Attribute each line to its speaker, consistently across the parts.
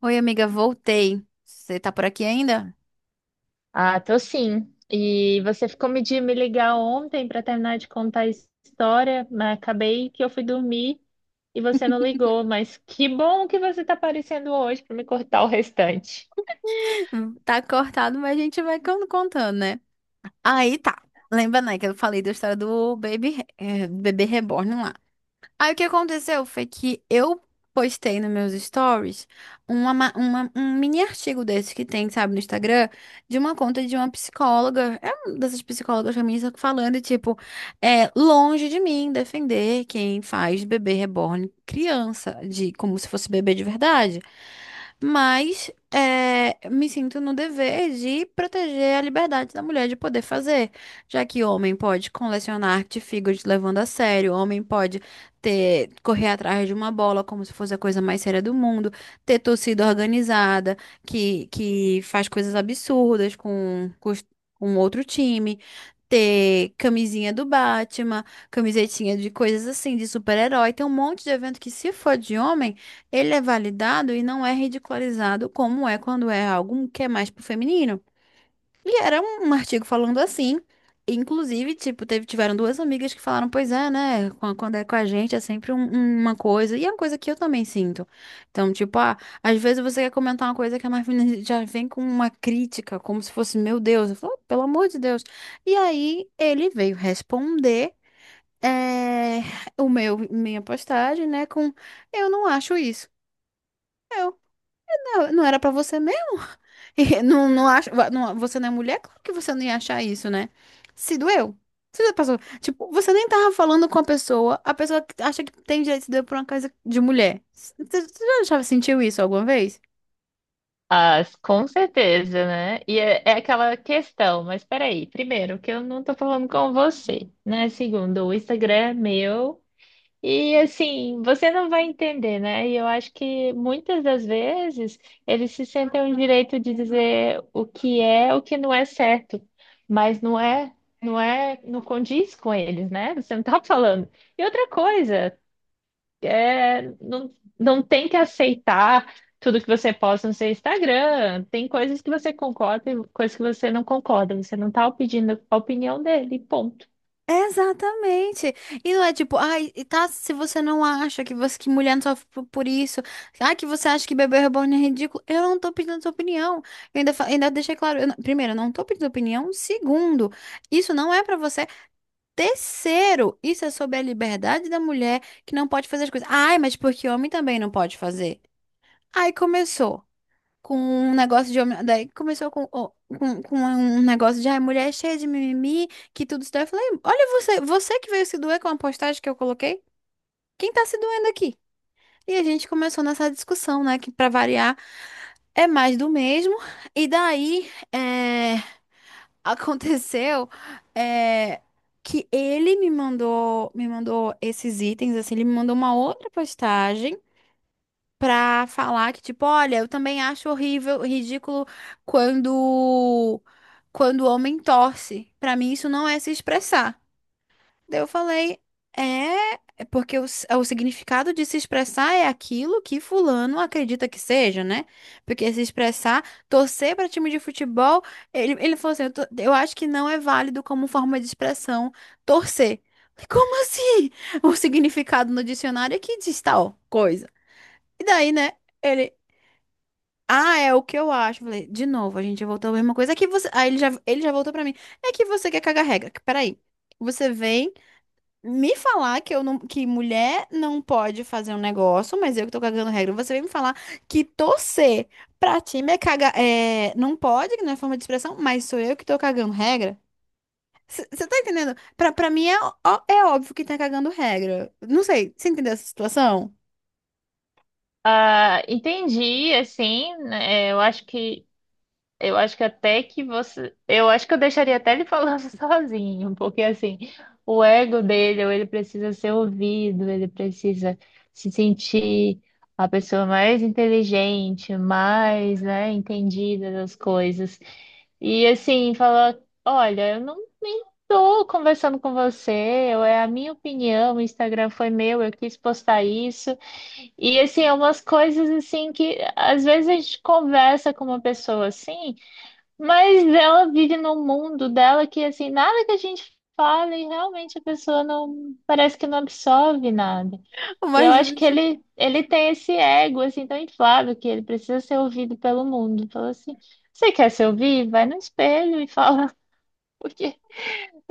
Speaker 1: Oi, amiga, voltei. Você tá por aqui ainda?
Speaker 2: Ah, tô sim. E você ficou me de me ligar ontem para terminar de contar a história, mas acabei que eu fui dormir e você não ligou. Mas que bom que você está aparecendo hoje para me cortar o restante.
Speaker 1: Tá cortado, mas a gente vai contando, né? Aí tá. Lembra, né, que eu falei da história do Baby, bebê reborn lá. Aí o que aconteceu foi que eu postei nos meus stories um mini artigo desse que tem, sabe, no Instagram, de uma conta de uma psicóloga, é uma dessas psicólogas feministas falando, tipo, é longe de mim defender quem faz bebê reborn criança, de como se fosse bebê de verdade. Mas é, me sinto no dever de proteger a liberdade da mulher de poder fazer, já que homem pode colecionar artigos levando a sério, homem pode ter, correr atrás de uma bola como se fosse a coisa mais séria do mundo, ter torcida organizada que faz coisas absurdas com com outro time, ter camisinha do Batman, camisetinha de coisas assim, de super-herói. Tem um monte de evento que, se for de homem, ele é validado e não é ridicularizado como é quando é algo que é mais pro feminino. E era um artigo falando assim. Inclusive, tipo, tiveram duas amigas que falaram, pois é, né? Quando é com a gente é sempre uma coisa. E é uma coisa que eu também sinto. Então, tipo, ah, às vezes você quer comentar uma coisa que a Marvin já vem com uma crítica, como se fosse, meu Deus. Eu falo, "Oh, pelo amor de Deus." E aí ele veio responder eh, minha postagem, né? Com, eu não acho isso. "Ah, não era pra você mesmo?" E não, não acha, você não é mulher? Claro que você não ia achar isso, né? Se doeu. Você já passou. Tipo, você nem tava falando com a pessoa que acha que tem direito de se doer por uma coisa de mulher. Você sentiu isso alguma vez?
Speaker 2: Ah, com certeza, né? É aquela questão, mas peraí, primeiro, que eu não tô falando com você, né? Segundo, o Instagram é meu. E assim, você não vai entender, né? E eu acho que muitas das vezes eles se sentem o direito de dizer o que é, o que não é certo, mas não condiz com eles, né? Você não tá falando. E outra coisa, é, não, não tem que aceitar tudo que você posta no seu Instagram. Tem coisas que você concorda e coisas que você não concorda. Você não tá pedindo a opinião dele, ponto.
Speaker 1: Exatamente. E não é tipo, ai, e tá, se você não acha que você que mulher não sofre por isso, ai, que você acha que bebê reborn é ridículo, eu não tô pedindo sua opinião. Eu ainda, ainda deixei claro, eu não- primeiro, eu não tô pedindo opinião. Segundo, isso não é pra você. Terceiro, isso é sobre a liberdade da mulher que não pode fazer as coisas. Ai, mas porque homem também não pode fazer. Aí começou com um negócio de homem. Daí começou com um negócio de ai, mulher é cheia de mimimi, que tudo isso. Daí eu falei, olha você, você que veio se doer com a postagem que eu coloquei, quem tá se doendo aqui? E a gente começou nessa discussão, né? Que pra variar é mais do mesmo. E daí, aconteceu, é, que ele me mandou esses itens, assim, ele me mandou uma outra postagem pra falar que, tipo, olha, eu também acho horrível, ridículo quando quando o homem torce. Pra mim, isso não é se expressar. Daí eu falei, é, é porque o significado de se expressar é aquilo que fulano acredita que seja, né? Porque se expressar, torcer para time de futebol, ele falou assim, eu acho que não é válido como forma de expressão torcer. Falei, como assim? O significado no dicionário é que diz tal coisa. E daí, né, ele... Ah, é o que eu acho. Eu falei, de novo, a gente voltou a mesma coisa. É que você... Aí ele já voltou pra mim. É que você quer cagar regra. Peraí. Você vem me falar que eu não, que mulher não pode fazer um negócio, mas eu que tô cagando regra. Você vem me falar que torcer pra time é cagar, é, não pode, que não é forma de expressão, mas sou eu que tô cagando regra? Você tá entendendo? Pra mim é óbvio que tá cagando regra. Não sei, você entendeu essa situação?
Speaker 2: Ah, entendi, assim, né, eu acho que Eu acho que até que você. Eu acho que eu deixaria até ele falando sozinho, porque assim, o ego dele, ou ele precisa ser ouvido, ele precisa se sentir a pessoa mais inteligente, mais, né, entendida das coisas. E assim, falar: olha, eu nem tô conversando com você, eu, é a minha opinião, o Instagram foi meu, eu quis postar isso. E assim, é umas coisas assim que às vezes a gente conversa com uma pessoa assim. Mas ela vive num mundo dela que, assim, nada que a gente fala e realmente a pessoa não, parece que não absorve nada. E eu
Speaker 1: Mas
Speaker 2: acho que ele tem esse ego, assim, tão inflado que ele precisa ser ouvido pelo mundo. Falou assim, você quer se ouvir? Vai no espelho e fala, porque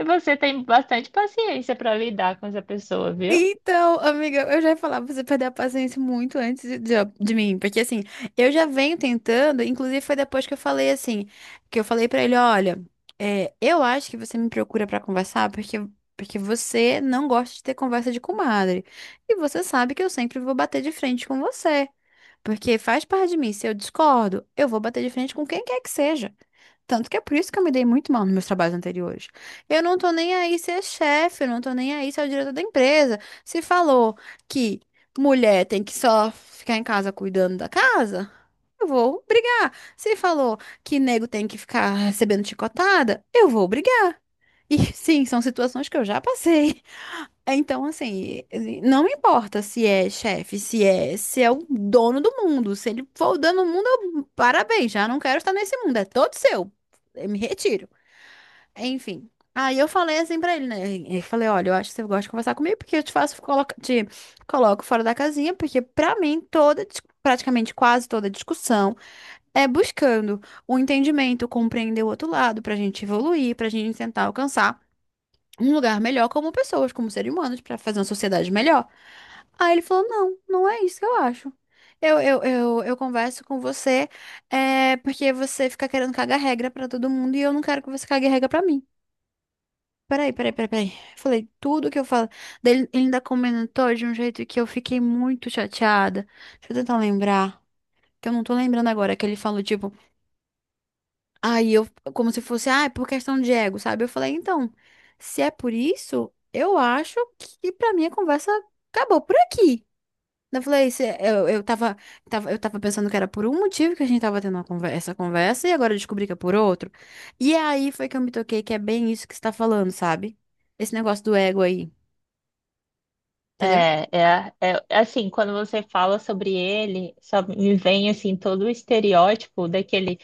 Speaker 2: você tem bastante paciência para lidar com essa pessoa, viu?
Speaker 1: então, amiga, eu já ia falar pra você perder a paciência muito antes de mim, porque assim, eu já venho tentando, inclusive foi depois que eu falei assim, que eu falei pra ele, olha, é, eu acho que você me procura pra conversar porque você não gosta de ter conversa de comadre. E você sabe que eu sempre vou bater de frente com você, porque faz parte de mim, se eu discordo, eu vou bater de frente com quem quer que seja. Tanto que é por isso que eu me dei muito mal nos meus trabalhos anteriores. Eu não tô nem aí se é chefe, eu não tô nem aí se é o diretor da empresa. Se falou que mulher tem que só ficar em casa cuidando da casa, eu vou brigar. Se falou que nego tem que ficar recebendo chicotada, eu vou brigar. E sim, são situações que eu já passei. É, então, assim, não importa se é chefe, se é, se é o dono do mundo, se ele for o dono do mundo, eu- parabéns, já não quero estar nesse mundo, é todo seu. Eu me retiro. Enfim. Aí eu falei assim pra ele, né? Eu falei, olha, eu acho que você gosta de conversar comigo, porque eu te faço, coloca, te coloco fora da casinha, porque pra mim toda, praticamente quase toda discussão é buscando o entendimento, compreender o outro lado, pra gente evoluir, pra gente tentar alcançar um lugar melhor como pessoas, como seres humanos, pra fazer uma sociedade melhor. Aí ele falou: não, não é isso que eu acho. Eu converso com você é, porque você fica querendo cagar regra pra todo mundo e eu não quero que você cague regra pra mim. Peraí, peraí, peraí, peraí. Eu falei tudo que eu falo. Daí ele ainda comentou de um jeito que eu fiquei muito chateada. Deixa eu tentar lembrar, que eu não tô lembrando agora, que ele falou, tipo. Aí eu, como se fosse, ah, é por questão de ego, sabe? Eu falei, então, se é por isso, eu acho que pra mim a conversa acabou por aqui. Eu falei, eu tava pensando que era por um motivo que a gente tava tendo uma essa conversa e agora eu descobri que é por outro. E aí foi que eu me toquei que é bem isso que você tá falando, sabe? Esse negócio do ego aí, entendeu?
Speaker 2: É, assim, quando você fala sobre ele, só me vem assim todo o estereótipo daquele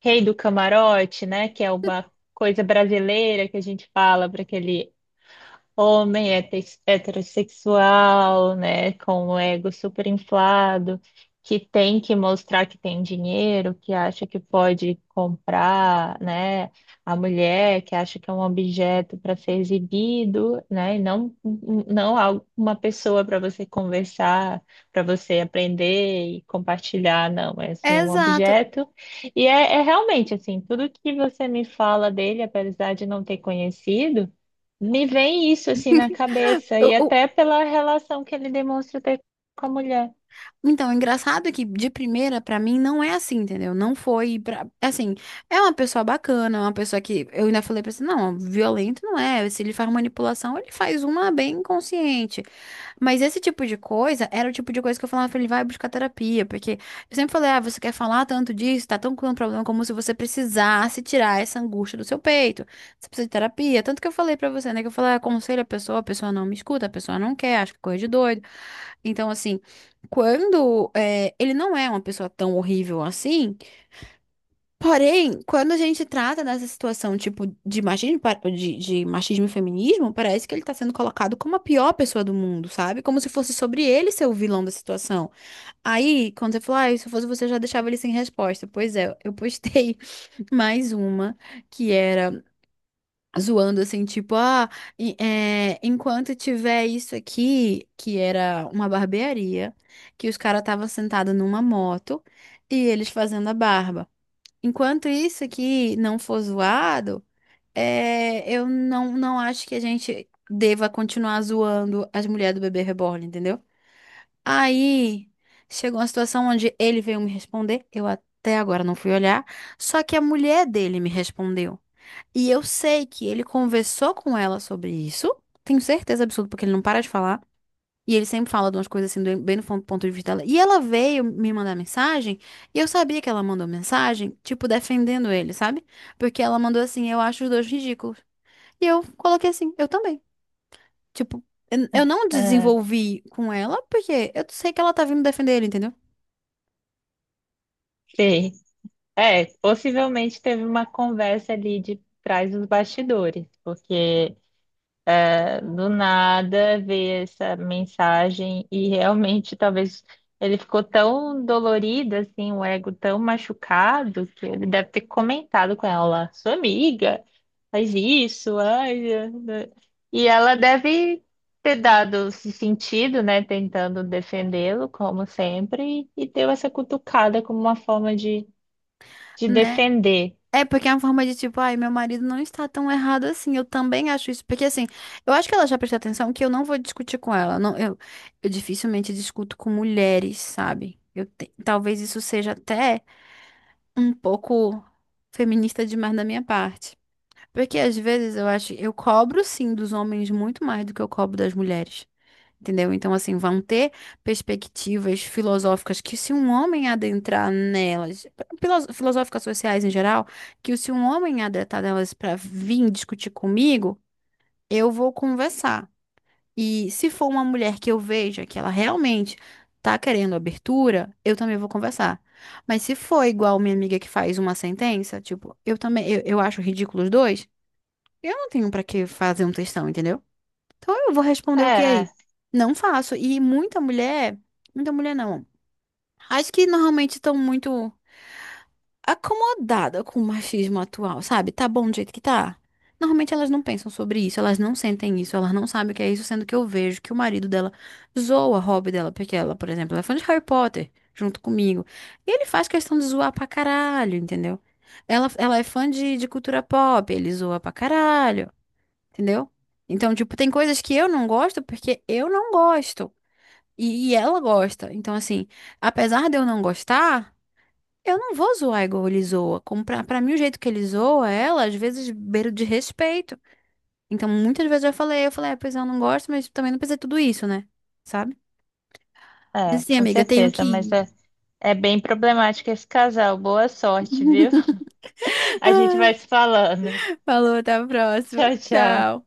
Speaker 2: Rei do Camarote, né? Que é uma coisa brasileira que a gente fala para aquele heterossexual, né, com o ego super inflado, que tem que mostrar que tem dinheiro, que acha que pode comprar, né, a mulher, que acha que é um objeto para ser exibido, né, e não não algo- uma pessoa para você conversar, para você aprender e compartilhar, não, é assim, é um
Speaker 1: Exato.
Speaker 2: objeto. E é realmente assim, tudo que você me fala dele, apesar de não ter conhecido, me vem isso assim na cabeça, e
Speaker 1: O,
Speaker 2: até pela relação que ele demonstra ter com a mulher.
Speaker 1: Então, o engraçado é que de primeira, pra mim, não é assim, entendeu? Não foi pra... Assim, é uma pessoa bacana, é uma pessoa que... Eu ainda falei pra você, não, violento não é. Se ele faz manipulação, ele faz uma bem consciente. Mas esse tipo de coisa era o tipo de coisa que eu falava pra ele, vai buscar terapia. Porque eu sempre falei, ah, você quer falar tanto disso, tá tão com um problema como se você precisasse tirar essa angústia do seu peito. Você precisa de terapia. Tanto que eu falei pra você, né? Que eu falei, "Ah, aconselho a pessoa não me escuta, a pessoa não quer, acha que é coisa de doido." Então, assim, quando ele não é uma pessoa tão horrível assim, porém, quando a gente trata dessa situação, tipo, de machismo, de machismo e feminismo, parece que ele tá sendo colocado como a pior pessoa do mundo, sabe? Como se fosse sobre ele ser o vilão da situação. Aí, quando você falou, ah, se eu fosse você, eu já deixava ele sem resposta. Pois é, eu postei mais uma, que era zoando assim, tipo, ah, enquanto tiver isso aqui, que era uma barbearia, que os caras estavam sentados numa moto e eles fazendo a barba. Enquanto isso aqui não for zoado, é, eu não, não acho que a gente deva continuar zoando as mulheres do bebê reborn, entendeu? Aí chegou uma situação onde ele veio me responder, eu até agora não fui olhar, só que a mulher dele me respondeu. E eu sei que ele conversou com ela sobre isso. Tenho certeza absoluta, porque ele não para de falar. E ele sempre fala de umas coisas assim, bem no ponto de vista dela. E ela veio me mandar mensagem. E eu sabia que ela mandou mensagem, tipo, defendendo ele, sabe? Porque ela mandou assim: eu acho os dois ridículos. E eu coloquei assim: eu também. Tipo, eu não
Speaker 2: Ah,
Speaker 1: desenvolvi com ela, porque eu sei que ela tá vindo defender ele, entendeu?
Speaker 2: sei. É, possivelmente teve uma conversa ali de trás dos bastidores, porque do nada ver essa mensagem e realmente talvez ele ficou tão dolorido, assim, o ego tão machucado, que ele deve ter comentado com ela: sua amiga, faz isso, ai. É, né? E ela deve ter dado esse sentido, né, tentando defendê-lo, como sempre, e deu essa cutucada como uma forma de
Speaker 1: Né?
Speaker 2: defender.
Speaker 1: É porque é uma forma de tipo, ai, meu marido não está tão errado assim. Eu também acho isso. Porque assim, eu acho que ela já prestou atenção que eu não vou discutir com ela. Não, eu dificilmente discuto com mulheres, sabe? Eu talvez isso seja até um pouco feminista demais da minha parte. Porque às vezes eu acho, eu cobro sim dos homens muito mais do que eu cobro das mulheres. Entendeu? Então, assim, vão ter perspectivas filosóficas que, se um homem adentrar nelas, filosóficas sociais em geral, que se um homem adentrar nelas para vir discutir comigo, eu vou conversar. E se for uma mulher que eu veja que ela realmente tá querendo abertura, eu também vou conversar. Mas se for igual minha amiga que faz uma sentença, tipo, eu também, eu acho ridículo os dois, eu não tenho pra que fazer um textão, entendeu? Então eu vou responder o que é
Speaker 2: É,
Speaker 1: aí? Não faço. E muita mulher não. Acho que normalmente estão muito acomodada com o machismo atual, sabe? Tá bom do jeito que tá. Normalmente elas não pensam sobre isso, elas não sentem isso, elas não sabem o que é isso, sendo que eu vejo que o marido dela zoa a hobby dela, porque ela, por exemplo, ela é fã de Harry Potter, junto comigo. E ele faz questão de zoar pra caralho, entendeu? Ela é fã de cultura pop, ele zoa pra caralho. Entendeu? Então, tipo, tem coisas que eu não gosto porque eu não gosto. E ela gosta. Então, assim, apesar de eu não gostar, eu não vou zoar igual ele zoa. Como pra mim, o jeito que ele zoa, ela, às vezes, beira de respeito. Então, muitas vezes eu falei, é, pois eu não gosto, mas também não precisa de tudo isso, né? Sabe? Mas assim,
Speaker 2: com
Speaker 1: amiga, eu tenho que
Speaker 2: certeza,
Speaker 1: ir.
Speaker 2: é bem problemático esse casal. Boa sorte, viu? A gente vai
Speaker 1: Ai,
Speaker 2: se falando.
Speaker 1: falou, até a próxima.
Speaker 2: Tchau, tchau.
Speaker 1: Tchau.